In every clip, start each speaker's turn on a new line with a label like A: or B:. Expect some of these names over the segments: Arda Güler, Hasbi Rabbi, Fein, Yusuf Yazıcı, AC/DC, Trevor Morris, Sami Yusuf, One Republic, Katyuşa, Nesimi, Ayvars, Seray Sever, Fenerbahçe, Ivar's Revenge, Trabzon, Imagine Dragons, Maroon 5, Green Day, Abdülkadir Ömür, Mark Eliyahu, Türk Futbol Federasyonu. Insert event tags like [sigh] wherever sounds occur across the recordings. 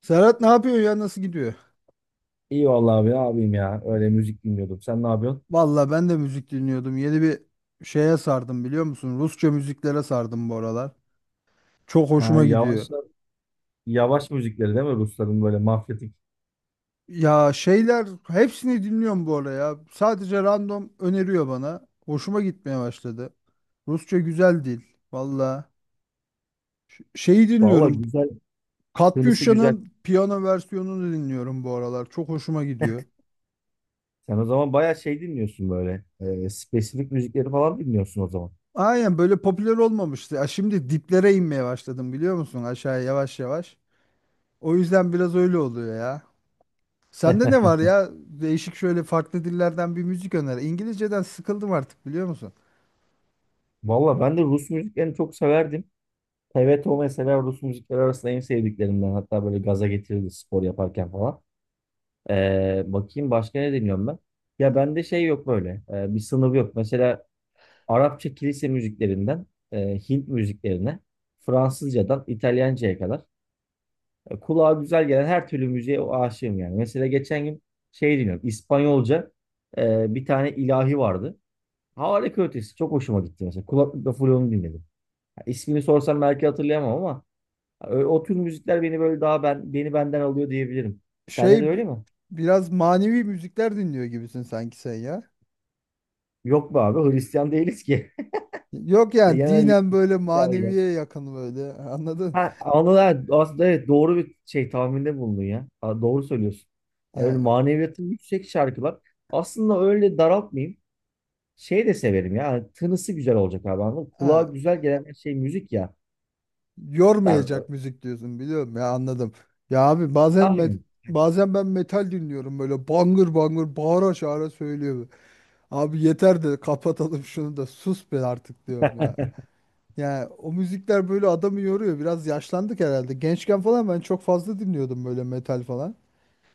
A: Serhat ne yapıyor ya? Nasıl gidiyor?
B: İyi vallahi abi abim ya. Öyle müzik dinliyordum. Sen ne yapıyorsun?
A: Valla ben de müzik dinliyordum. Yeni bir şeye sardım biliyor musun? Rusça müziklere sardım bu aralar. Çok
B: Ha,
A: hoşuma gidiyor.
B: yavaş yavaş müzikleri değil mi Rusların böyle mafyatik?
A: Ya şeyler hepsini dinliyorum bu ara ya. Sadece random öneriyor bana. Hoşuma gitmeye başladı. Rusça güzel dil. Valla. Şeyi
B: Vallahi
A: dinliyorum.
B: güzel. Tınısı güzel.
A: Katyuşa'nın piyano versiyonunu dinliyorum bu aralar. Çok hoşuma gidiyor.
B: Sen o zaman bayağı şey dinliyorsun böyle. Spesifik müzikleri falan dinliyorsun o zaman.
A: Aynen böyle popüler olmamıştı. Ya şimdi diplere inmeye başladım biliyor musun? Aşağıya yavaş yavaş. O yüzden biraz öyle oluyor ya. Sende ne var
B: [laughs]
A: ya? Değişik şöyle farklı dillerden bir müzik öner. İngilizceden sıkıldım artık biliyor musun?
B: Valla ben de Rus müziklerini çok severdim. TVTO mesela Rus müzikleri arasında en sevdiklerimden. Hatta böyle gaza getirirdi spor yaparken falan. Bakayım başka ne dinliyorum ben? Ya bende şey yok böyle. Bir sınır yok. Mesela Arapça kilise müziklerinden Hint müziklerine, Fransızcadan İtalyanca'ya kadar kulağa güzel gelen her türlü müziğe o aşığım yani. Mesela geçen gün şey dinliyorum, İspanyolca bir tane ilahi vardı. Harika ötesi, çok hoşuma gitti mesela. Kulaklıkla full onu dinledim. Ha, İsmini sorsam belki hatırlayamam ama ha, o tür müzikler beni böyle daha beni benden alıyor diyebilirim. Sende de
A: Şey b-
B: öyle mi?
A: Biraz manevi müzikler dinliyor gibisin sanki sen ya.
B: Yok be abi, Hristiyan değiliz ki.
A: Yok
B: [laughs]
A: yani dinen
B: Genellikle
A: böyle
B: ilahi.
A: maneviye yakın böyle anladın?
B: Ha, anılar aslında, evet, doğru bir şey tahminde bulundun ya. Ha, doğru söylüyorsun. Yani öyle
A: Yani
B: maneviyatı yüksek şarkılar. Aslında öyle daraltmayayım. Şey de severim ya. Hani tınısı güzel olacak abi. Anladın mı? Kulağa
A: ha,
B: güzel gelen bir şey müzik ya. Ben
A: yormayacak müzik diyorsun biliyorum ya anladım. Ya abi
B: aynen.
A: bazen ben metal dinliyorum böyle bangır bangır bağıra çağıra söylüyor. Abi yeter de kapatalım şunu da sus be artık diyorum ya. Yani o müzikler böyle adamı yoruyor. Biraz yaşlandık herhalde. Gençken falan ben çok fazla dinliyordum böyle metal falan.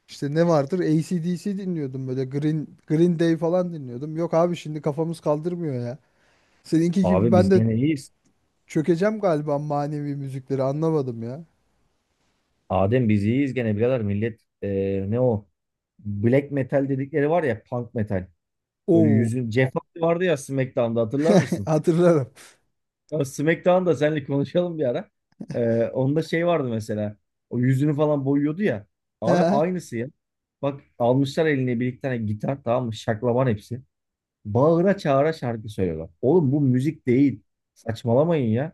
A: İşte ne vardır? AC/DC dinliyordum böyle. Green, Green Day falan dinliyordum. Yok abi şimdi kafamız kaldırmıyor ya. Seninki gibi
B: Abi
A: ben
B: biz
A: de
B: gene iyiyiz.
A: çökeceğim galiba, manevi müzikleri anlamadım ya.
B: Adem biz iyiyiz gene birader millet ne o? Black metal dedikleri var ya, punk metal. Böyle
A: Oo,
B: yüzün Jeff Hardy vardı ya SmackDown'da, hatırlar
A: [laughs]
B: mısın?
A: hatırlarım.
B: Ya SmackDown'da seninle konuşalım bir ara. Onda şey vardı mesela. O yüzünü falan boyuyordu ya. Abi
A: [laughs]
B: aynısı ya. Bak almışlar eline bir iki tane gitar, tamam mı? Şaklaban hepsi. Bağıra çağıra şarkı söylüyorlar. Oğlum bu müzik değil. Saçmalamayın ya.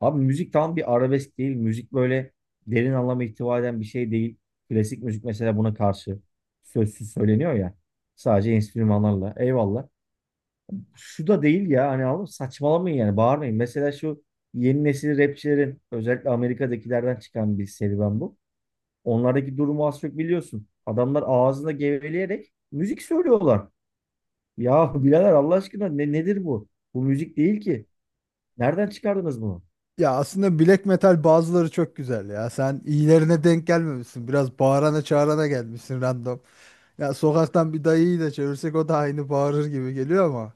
B: Abi müzik tam bir arabesk değil. Müzik böyle derin anlama ihtiva eden bir şey değil. Klasik müzik mesela buna karşı sözsüz söyleniyor ya. Sadece enstrümanlarla. Eyvallah, şu da değil ya, hani oğlum saçmalamayın, yani bağırmayın. Mesela şu yeni nesil rapçilerin özellikle Amerika'dakilerden çıkan bir serüven bu. Onlardaki durumu az çok biliyorsun. Adamlar ağzında geveleyerek müzik söylüyorlar. Ya [laughs] birader Allah aşkına ne, nedir bu? Bu müzik değil ki. Nereden çıkardınız bunu?
A: Ya aslında black metal bazıları çok güzel ya. Sen iyilerine denk gelmemişsin. Biraz bağırana çağırana gelmişsin random. Ya sokaktan bir dayıyı da çevirsek o da aynı bağırır gibi geliyor ama.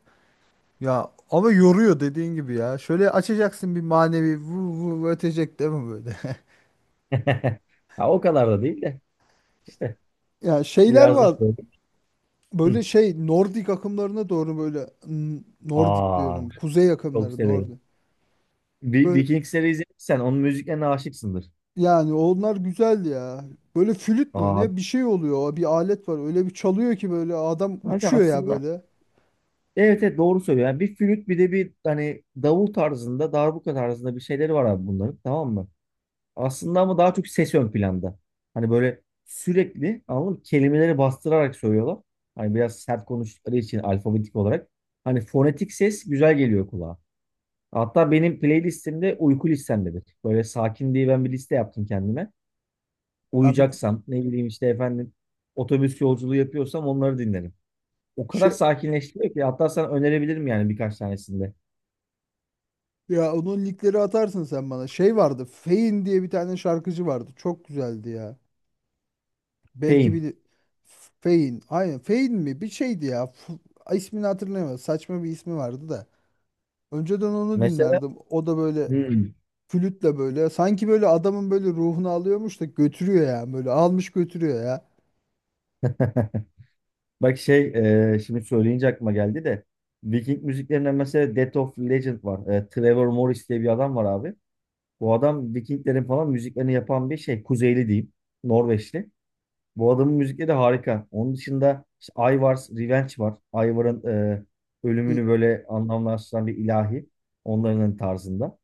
A: Ya ama yoruyor dediğin gibi ya. Şöyle açacaksın bir manevi vu vu vu ötecek değil mi böyle? [laughs]
B: [laughs] Ha, o kadar da değil de işte
A: Ya şeyler
B: biraz daha
A: var.
B: böyle. Hı.
A: Böyle şey Nordik akımlarına doğru böyle Nordik
B: Aa,
A: diyorum. Kuzey
B: çok
A: akımları
B: severim.
A: Nordik. Böyle
B: Vikings serisi izlediysen onun müziklerine aşıksındır.
A: yani onlar güzel ya. Böyle flüt mü
B: Aa,
A: ne bir şey oluyor. Bir alet var. Öyle bir çalıyor ki böyle adam
B: kanka,
A: uçuyor ya
B: aslında
A: böyle.
B: evet, evet, doğru söylüyor. Yani bir flüt bir de bir hani davul tarzında, darbuka tarzında bir şeyleri var abi bunların, tamam mı? Aslında ama daha çok ses ön planda. Hani böyle sürekli, anladın mı? Kelimeleri bastırarak söylüyorlar. Hani biraz sert konuştukları için alfabetik olarak. Hani fonetik ses güzel geliyor kulağa. Hatta benim playlistimde uyku listemdedir. Böyle sakin diye ben bir liste yaptım kendime.
A: Ya bir
B: Uyuyacaksam ne bileyim işte efendim otobüs yolculuğu yapıyorsam onları dinlerim. O kadar
A: şey
B: sakinleştiriyor ki hatta sana önerebilirim yani birkaç tanesinde.
A: ya Onun linkleri atarsın sen bana. Şey vardı. Fein diye bir tane şarkıcı vardı. Çok güzeldi ya. Belki
B: Fame.
A: bir Fein. Aynen Fein mi? Bir şeydi ya. İsmini hatırlayamadım. Saçma bir ismi vardı da. Önceden onu
B: Mesela
A: dinlerdim. O da böyle
B: hmm.
A: flütle böyle. Sanki böyle adamın böyle ruhunu alıyormuş da götürüyor ya. Böyle almış götürüyor ya.
B: [laughs] Bak, şey, şimdi söyleyince aklıma geldi de Viking müziklerinden mesela Death of Legend var. Trevor Morris diye bir adam var abi. Bu adam Vikinglerin falan müziklerini yapan bir şey. Kuzeyli diyeyim. Norveçli. Bu adamın müzikleri de harika. Onun dışında işte Ivar's Revenge var. Ivar'ın
A: İ-
B: ölümünü böyle anlamlaştıran bir ilahi. Onların tarzında.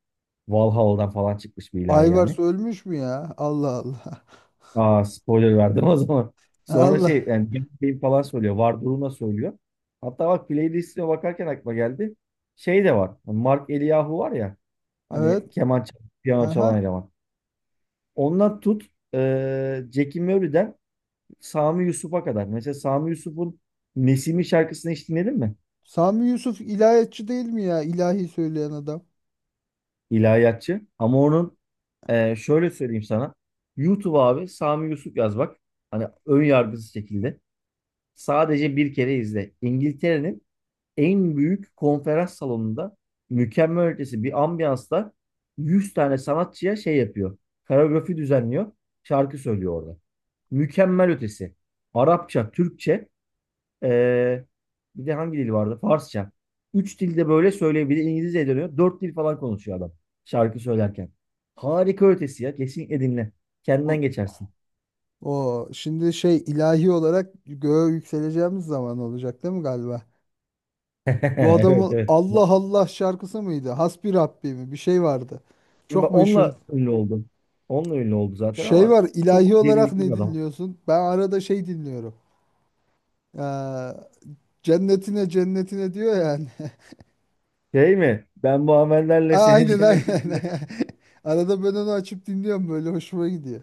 B: Valhalla'dan falan çıkmış bir ilahi yani.
A: Ayvars ölmüş mü ya? Allah Allah.
B: Aa, spoiler verdim o zaman.
A: [laughs]
B: Sonra
A: Allah.
B: şey yani film falan söylüyor. Var durumda söylüyor. Hatta bak playlistine bakarken aklıma geldi. Şey de var. Hani Mark Eliyahu var ya. Hani
A: Evet.
B: keman çalan, piyano çalan
A: Aha.
B: eleman. Ondan tut e, Jackie Murray'den Sami Yusuf'a kadar. Mesela Sami Yusuf'un Nesimi şarkısını hiç dinledin mi?
A: Sami Yusuf ilahiyatçı değil mi ya? İlahi söyleyen adam.
B: İlahiyatçı. Ama onun şöyle söyleyeyim sana. YouTube abi Sami Yusuf yaz bak. Hani ön yargısız şekilde. Sadece bir kere izle. İngiltere'nin en büyük konferans salonunda mükemmel ötesi bir ambiyansta 100 tane sanatçıya şey yapıyor. Koreografi düzenliyor. Şarkı söylüyor orada. Mükemmel ötesi. Arapça, Türkçe, ee, bir de hangi dil vardı? Farsça. Üç dilde böyle söylüyor. Bir de İngilizce dönüyor. Dört dil falan konuşuyor adam şarkı söylerken. Harika ötesi ya. Kesinlikle dinle. Kendinden
A: O,
B: geçersin.
A: o şimdi şey ilahi olarak göğe yükseleceğimiz zaman olacak değil mi galiba?
B: [laughs]
A: Bu
B: Evet,
A: adamın
B: evet.
A: Allah Allah şarkısı mıydı? Hasbi Rabbi mi? Bir şey vardı. Çok
B: Bak
A: meşhur.
B: onunla ünlü oldum. Onunla ünlü oldu zaten
A: Şey
B: ama
A: var ilahi
B: çok
A: olarak
B: derinlikli bir
A: ne
B: adam.
A: dinliyorsun? Ben arada şey dinliyorum. Ee, Cennetine cennetine diyor yani.
B: Şey mi? Ben bu
A: [laughs]
B: amellerle seni
A: Aynen
B: cennetine
A: aynen.
B: girerim.
A: [laughs]
B: [laughs]
A: Arada ben onu açıp dinliyorum böyle hoşuma gidiyor.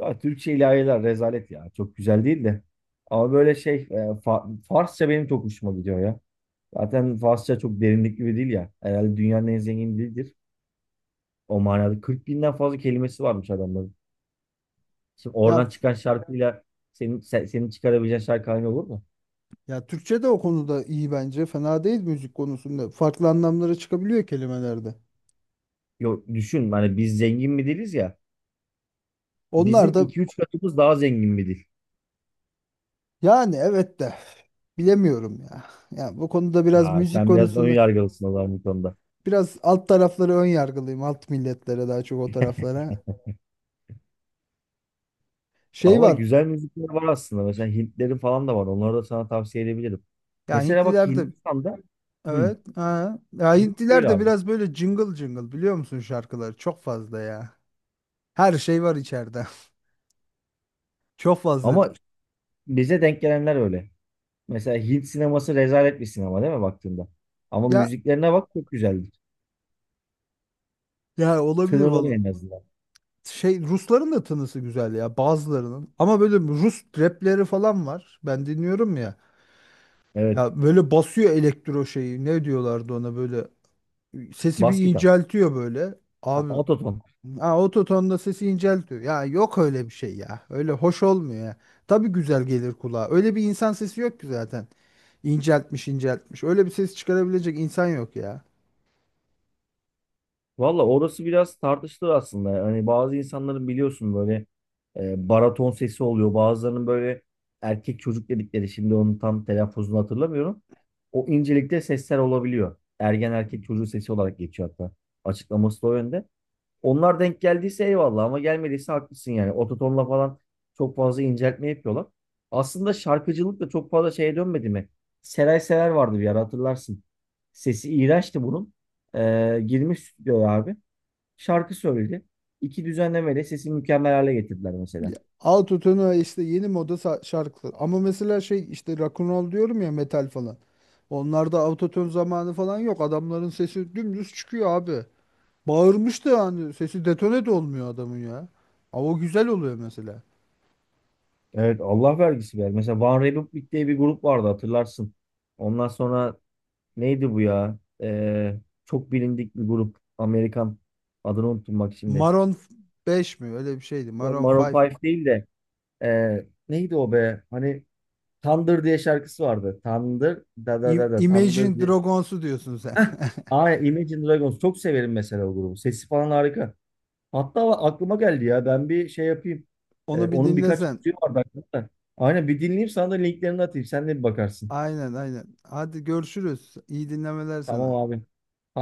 B: Ya Türkçe ilahiler rezalet ya. Çok güzel değil de. Ama böyle şey, Farsça benim çok hoşuma gidiyor ya. Zaten Farsça çok derinlikli bir dil ya. Herhalde dünyanın en zengin dilidir. O manada 40 binden fazla kelimesi varmış adamların. Şimdi
A: Ya
B: oradan çıkan şarkıyla senin çıkarabileceğin şarkı aynı olur mu?
A: Türkçe de o konuda iyi bence. Fena değil müzik konusunda. Farklı anlamlara çıkabiliyor kelimelerde.
B: Yok düşün, hani biz zengin bir diliz ya.
A: Onlar
B: Bizim
A: da
B: iki üç katımız daha zengin bir dil.
A: yani evet de bilemiyorum ya. Ya bu konuda biraz
B: Ha,
A: müzik
B: sen biraz ön
A: konusunda
B: yargılısın o zaman bu konuda.
A: biraz alt tarafları ön yargılıyım. Alt milletlere daha çok o taraflara. Şey
B: Valla
A: var.
B: güzel müzikler var aslında. Mesela Hintlerin falan da var. Onları da sana tavsiye edebilirim.
A: Ya
B: Mesela bak
A: Hintliler de
B: Hindistan'da, hı,
A: evet. Ha. Ya
B: buyur
A: Hintliler de
B: abi.
A: biraz böyle cıngıl cıngıl biliyor musun şarkıları? Çok fazla ya. Her şey var içeride. [laughs] Çok fazla.
B: Ama bize denk gelenler öyle. Mesela Hint sineması rezalet bir sinema, değil mi baktığında? Ama
A: Ya
B: müziklerine bak, çok güzeldir.
A: ya olabilir
B: Tınırları
A: vallahi.
B: en azından.
A: Şey Rusların da tınısı güzel ya bazılarının. Ama böyle Rus rapleri falan var. Ben dinliyorum ya.
B: Evet.
A: Ya böyle basıyor elektro şeyi. Ne diyorlardı ona böyle. Sesi bir
B: Bas gitar.
A: inceltiyor böyle.
B: Ha,
A: Abi
B: Ototon.
A: ha, ototonda sesi inceltiyor. Ya yok öyle bir şey ya. Öyle hoş olmuyor ya. Tabii güzel gelir kulağa. Öyle bir insan sesi yok ki zaten. İnceltmiş inceltmiş. Öyle bir ses çıkarabilecek insan yok ya.
B: Valla orası biraz tartışılır aslında. Hani bazı insanların biliyorsun böyle baraton sesi oluyor. Bazılarının böyle erkek çocuk dedikleri şimdi onun tam telaffuzunu hatırlamıyorum. O incelikte sesler olabiliyor. Ergen erkek çocuğu sesi olarak geçiyor hatta. Açıklaması da o yönde. Onlar denk geldiyse eyvallah ama gelmediyse haklısın yani. Ototonla falan çok fazla inceltme yapıyorlar. Aslında şarkıcılık da çok fazla şeye dönmedi mi? Seray Sever vardı bir ara, hatırlarsın. Sesi iğrençti bunun. Girmiş stüdyoya abi. Şarkı söyledi. İki düzenlemeyle sesi mükemmel hale getirdiler mesela.
A: Ya, Autotune ve işte yeni moda şarkılar. Ama mesela şey işte rock'n'roll diyorum ya metal falan. Onlarda autotune zamanı falan yok. Adamların sesi dümdüz çıkıyor abi. Bağırmış da yani sesi detone de olmuyor adamın ya. Ama o güzel oluyor mesela.
B: Evet, Allah vergisi ver. Mesela One Republic diye bir grup vardı, hatırlarsın. Ondan sonra neydi bu ya? Çok bilindik bir grup. Amerikan. Adını unuttum bak şimdi.
A: Maroon 5 mi? Öyle bir şeydi. Maroon
B: Maroon
A: 5.
B: 5 değil de e, neydi o be? Hani Thunder diye şarkısı vardı. Thunder da da da da Thunder
A: Imagine
B: diye.
A: Dragons'u diyorsun sen.
B: Heh,
A: [laughs]
B: aynen Imagine Dragons. Çok severim mesela o grubu. Sesi falan harika. Hatta aklıma geldi ya. Ben bir şey yapayım.
A: Onu bir
B: Onun birkaç
A: dinlesen.
B: müziği vardı aklımda. Aynen bir dinleyeyim sana da linklerini atayım. Sen de bir bakarsın.
A: Aynen, aynen. Hadi görüşürüz. İyi dinlemeler
B: Tamam
A: sana.
B: abi. Hadi